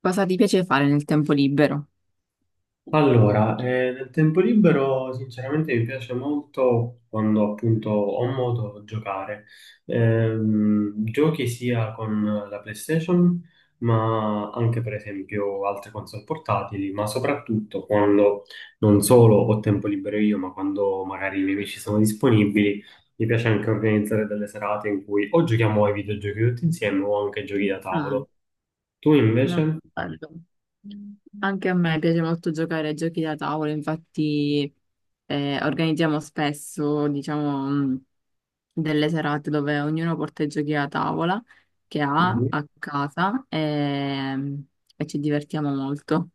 Cosa ti piace fare nel tempo libero? Allora, nel tempo libero sinceramente mi piace molto quando appunto ho modo di giocare. Giochi sia con la PlayStation, ma anche per esempio altre console portatili, ma soprattutto quando non solo ho tempo libero io, ma quando magari i miei amici sono disponibili, mi piace anche organizzare delle serate in cui o giochiamo ai videogiochi tutti insieme o anche giochi da Ah, tavolo. Tu molto invece? bello. Anche a me piace molto giocare a giochi da tavolo. Infatti organizziamo spesso, diciamo, delle serate dove ognuno porta i giochi da tavola che ha a casa e ci divertiamo molto.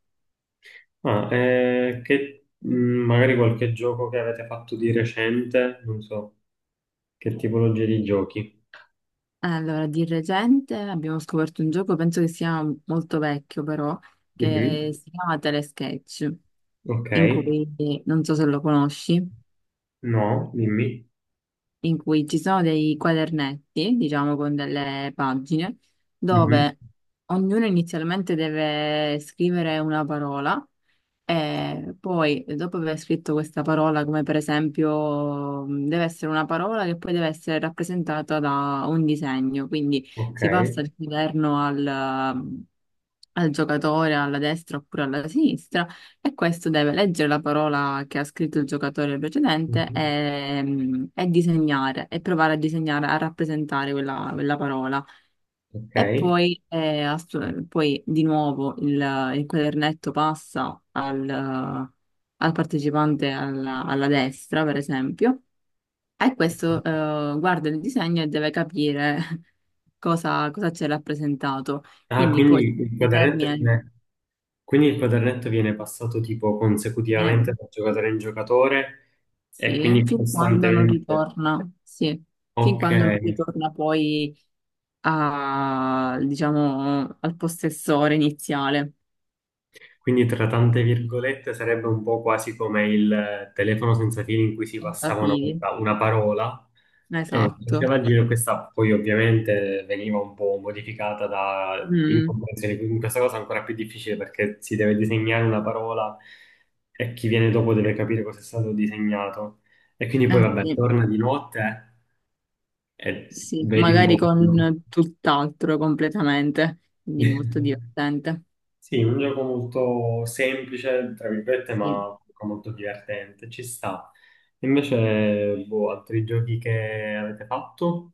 Ah, che, magari qualche gioco che avete fatto di recente, non so, che tipologia di giochi? Allora, di recente abbiamo scoperto un gioco, penso che sia molto vecchio però, che Mhm. si chiama Telesketch, Ok. in cui, non so se lo conosci, No, dimmi. in cui ci sono dei quadernetti, diciamo con delle pagine, Mhm. dove ognuno inizialmente deve scrivere una parola e poi, dopo aver scritto questa parola, come per esempio, deve essere una parola che poi deve essere rappresentata da un disegno. Quindi Ok. si passa dal governo al, al giocatore alla destra oppure alla sinistra e questo deve leggere la parola che ha scritto il giocatore precedente Mhm. E disegnare e provare a disegnare, a rappresentare quella parola. Ok. E poi, poi di nuovo il quadernetto passa al, al partecipante alla, alla destra, per esempio, e questo guarda il disegno e deve capire cosa, cosa c'è rappresentato. Ah, Quindi poi si termina, quindi il quadernetto viene passato tipo consecutivamente viene- da giocatore in giocatore e sì, quindi fin quando non costantemente. ritorna, sì, fin Ok. quando non ritorna poi a, diciamo, al possessore iniziale. Quindi tra tante virgolette sarebbe un po' quasi come il telefono senza fili in cui si passava una Capiti? volta una parola e Esatto. faceva giro questa poi ovviamente veniva un po' modificata da Mm, incomprensione, quindi questa cosa è ancora più difficile perché si deve disegnare una parola e chi viene dopo deve capire cosa è stato disegnato e quindi poi eh vabbè sì, torna di notte e sì, vedi un magari po' quello con tutt'altro completamente, che- quindi molto divertente. Sì, un gioco molto semplice, tra virgolette, ma Sì. comunque molto divertente, ci sta. Invece, boh, altri giochi che avete fatto?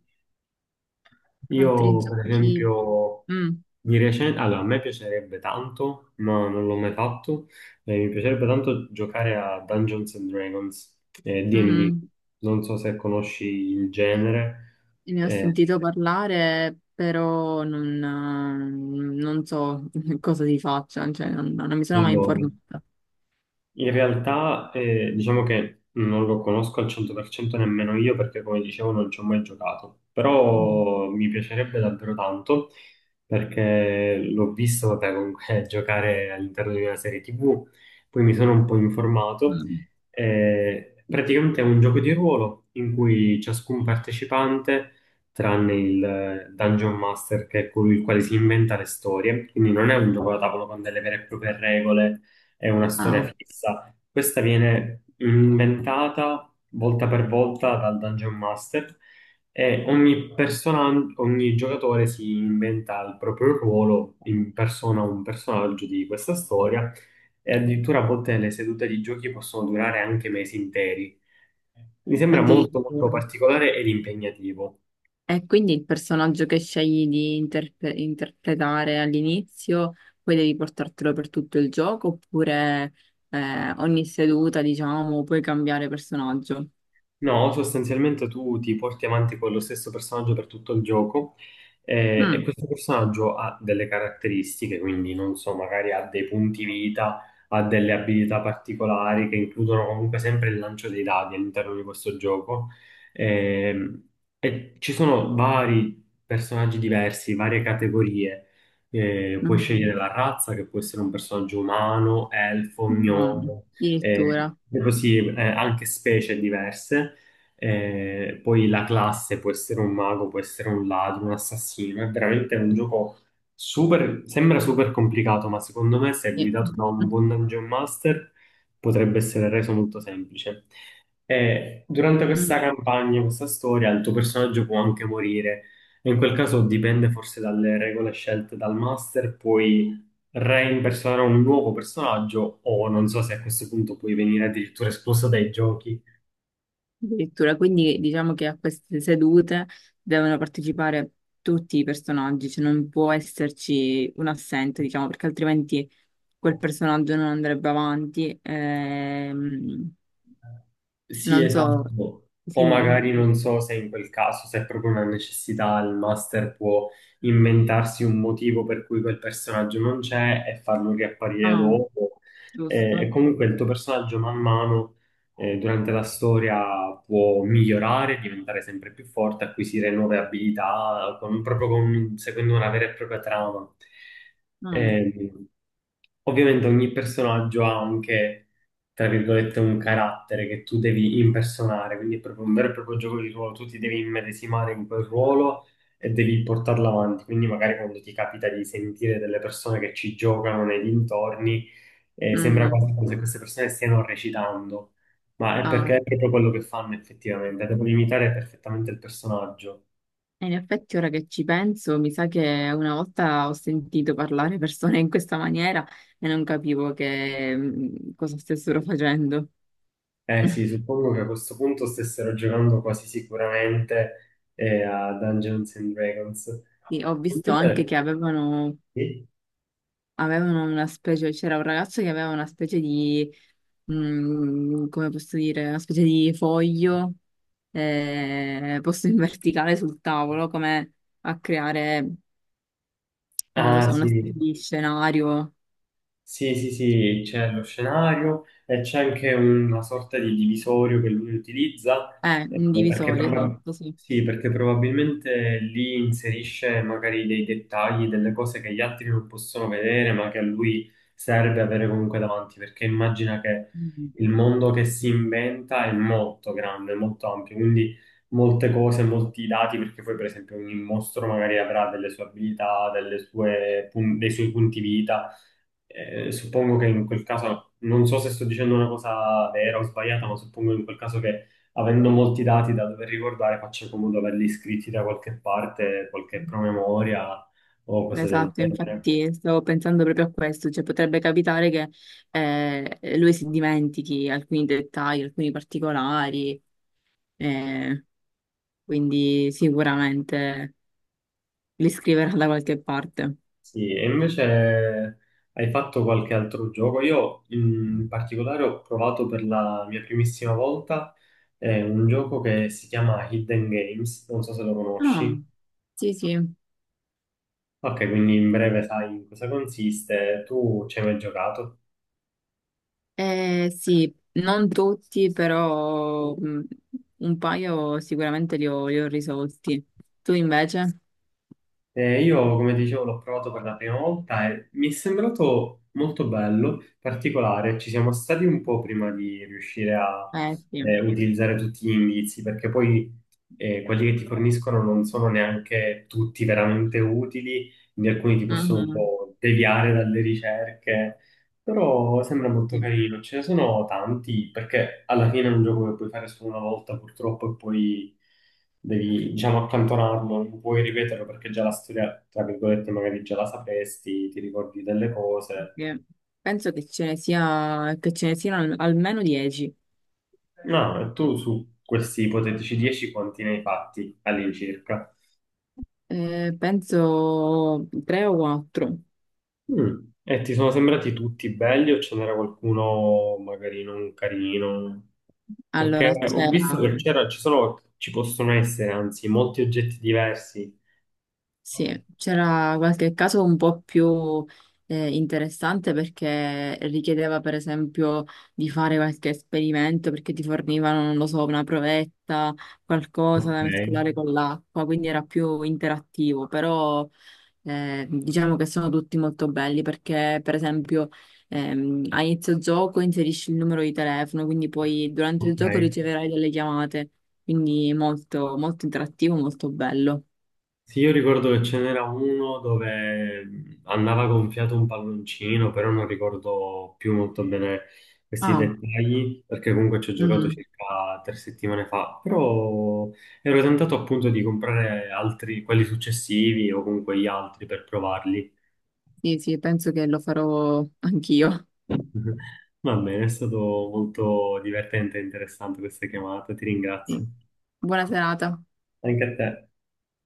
Altri Io, per giochi, esempio, mm, di recente, allora, a me piacerebbe tanto, ma non l'ho mai fatto, mi piacerebbe tanto giocare a Dungeons and Dragons, mm, D&D, mm, non so se conosci il genere. ne ho Eh, sentito parlare, però non, non so cosa si faccia, cioè non, non mi sono mai allora, informata. in realtà, diciamo che non lo conosco al 100% nemmeno io perché, come dicevo, non ci ho mai giocato. Mm, Però mi piacerebbe davvero tanto perché l'ho visto, vabbè, comunque giocare all'interno di una serie TV, poi mi sono un po' informato. mm. Praticamente è un gioco di ruolo in cui ciascun partecipante, tranne il Dungeon Master, che è colui il quale si inventa le storie, quindi non è un gioco da tavolo con delle vere e proprie regole, è una storia Ah, fissa. Questa viene inventata volta per volta dal Dungeon Master e ogni persona, ogni giocatore si inventa il proprio ruolo, in persona un personaggio di questa storia e addirittura a volte le sedute di giochi possono durare anche mesi interi. Mi sembra molto molto addirittura. particolare ed impegnativo. E quindi il personaggio che scegli di interpretare all'inizio, poi devi portartelo per tutto il gioco, oppure ogni seduta, diciamo, puoi cambiare personaggio. No, sostanzialmente tu ti porti avanti con lo stesso personaggio per tutto il gioco, e Mm, questo personaggio ha delle caratteristiche, quindi non so, magari ha dei punti vita, ha delle abilità particolari che includono comunque sempre il lancio dei dadi all'interno di questo gioco. Ehm, e ci sono vari personaggi diversi, varie categorie. Puoi scegliere mhm. la razza, che può essere un personaggio umano, elfo, No, gnomo, addirittura. e così anche specie diverse. Poi la classe può essere un mago, può essere un ladro, un assassino. È veramente un gioco super, sembra super complicato, ma secondo me, se Sì. guidato da un buon dungeon master, potrebbe essere reso molto semplice. E durante questa Mm, campagna, questa storia, il tuo personaggio può anche morire. E in quel caso dipende forse dalle regole scelte dal master, puoi reimpersonare un nuovo personaggio o non so se a questo punto puoi venire addirittura espulso dai giochi. addirittura, quindi diciamo che a queste sedute devono partecipare tutti i personaggi, cioè non può esserci un assente, diciamo, perché altrimenti quel personaggio non andrebbe avanti. Sì, Non so. esatto. Sì. O magari non so se in quel caso, se è proprio una necessità, il master può inventarsi un motivo per cui quel personaggio non c'è e farlo riapparire Ah, dopo. E, giusto. comunque il tuo personaggio man mano, durante la storia può migliorare, diventare sempre più forte, acquisire nuove abilità, seguendo una vera e propria trama. Ah, Ehm, Ovviamente ogni personaggio ha anche, tra virgolette, un carattere che tu devi impersonare, quindi è proprio un vero e proprio gioco di ruolo, tu ti devi immedesimare in quel ruolo e devi portarlo avanti, quindi magari quando ti capita di sentire delle persone che ci giocano nei dintorni, sembra mm, quasi come se queste persone stiano recitando, ma è ah. perché è proprio quello che fanno effettivamente, devono imitare perfettamente il personaggio. E in effetti, ora che ci penso, mi sa che una volta ho sentito parlare persone in questa maniera e non capivo che, cosa stessero facendo. Eh sì, suppongo che a questo punto stessero giocando quasi sicuramente a Dungeons and Dragons. Sì, ho visto anche Invece, che sì. avevano una specie, c'era un ragazzo che aveva una specie di, come posso dire, una specie di foglio posto in verticale sul tavolo, come a creare. Non lo Ah, so, sì, una specie di scenario, sì, sì, sì, c'è lo scenario e c'è anche una sorta di divisorio che lui utilizza, eh, perché, indivisorio, proba- esatto, sì. sì, perché probabilmente lì inserisce magari dei dettagli, delle cose che gli altri non possono vedere, ma che a lui serve avere comunque davanti, perché immagina che Mm. il mondo che si inventa è molto grande, molto ampio, quindi molte cose, molti dati, perché poi per esempio ogni mostro magari avrà delle sue abilità, dei suoi punti vita. Suppongo che in quel caso, non so se sto dicendo una cosa vera o sbagliata, ma suppongo in quel caso che avendo molti dati da dover ricordare, faccia comodo averli iscritti da qualche parte, qualche promemoria o cose del Esatto, genere. infatti stavo pensando proprio a questo, cioè potrebbe capitare che lui si dimentichi alcuni dettagli, alcuni particolari, eh, quindi sicuramente li scriverà da qualche parte. Sì, e invece hai fatto qualche altro gioco? Io in particolare ho provato per la mia primissima volta un gioco che si chiama Hidden Games, non so se lo Ah, conosci. sì, sì. Ok, quindi in breve sai in cosa consiste, tu ci hai mai giocato? Sì, non tutti, però un paio sicuramente li ho risolti. Tu invece? Io, come dicevo, l'ho provato per la prima volta e mi è sembrato molto bello, particolare. Ci siamo stati un po' prima di riuscire a Eh sì. Utilizzare tutti gli indizi, perché poi quelli che ti forniscono non sono neanche tutti veramente utili, quindi alcuni ti possono un Mhm. po' deviare dalle ricerche. Però sembra molto Sì, carino, ce ne sono tanti, perché alla fine è un gioco che puoi fare solo una volta purtroppo e poi devi, diciamo, accantonarlo, non puoi ripeterlo perché già la storia, tra virgolette, magari già la sapresti, ti ricordi delle cose. perché penso che ce ne sia, che ce ne siano almeno 10. No, e tu su questi ipotetici 10 quanti ne hai fatti all'incirca? Penso 3 o 4. Mm. E ti sono sembrati tutti belli o ce n'era qualcuno magari non carino? Perché Allora ho visto c'era che c'era, ci sono, ci possono essere anzi molti oggetti diversi. sì, c'era qualche caso un po' più interessante perché richiedeva per esempio di fare qualche esperimento perché ti fornivano, non lo so, una provetta, qualcosa Ok, da mescolare con l'acqua, quindi era più interattivo, però. Diciamo che sono tutti molto belli perché, per esempio, a inizio gioco inserisci il numero di telefono, quindi poi durante il gioco ok. riceverai delle chiamate, quindi molto, molto interattivo, molto bello. Sì, io ricordo che ce n'era uno dove andava gonfiato un palloncino, però non ricordo più molto bene questi Ah, dettagli, perché comunque ci ho giocato mm, circa 3 settimane fa. Però ero tentato appunto di comprare altri, quelli successivi o comunque gli altri per provarli. sì, sì, penso che lo farò anch'io. Va bene, è stato molto divertente e interessante questa chiamata, ti ringrazio. Sì. Buona serata. Anche a te.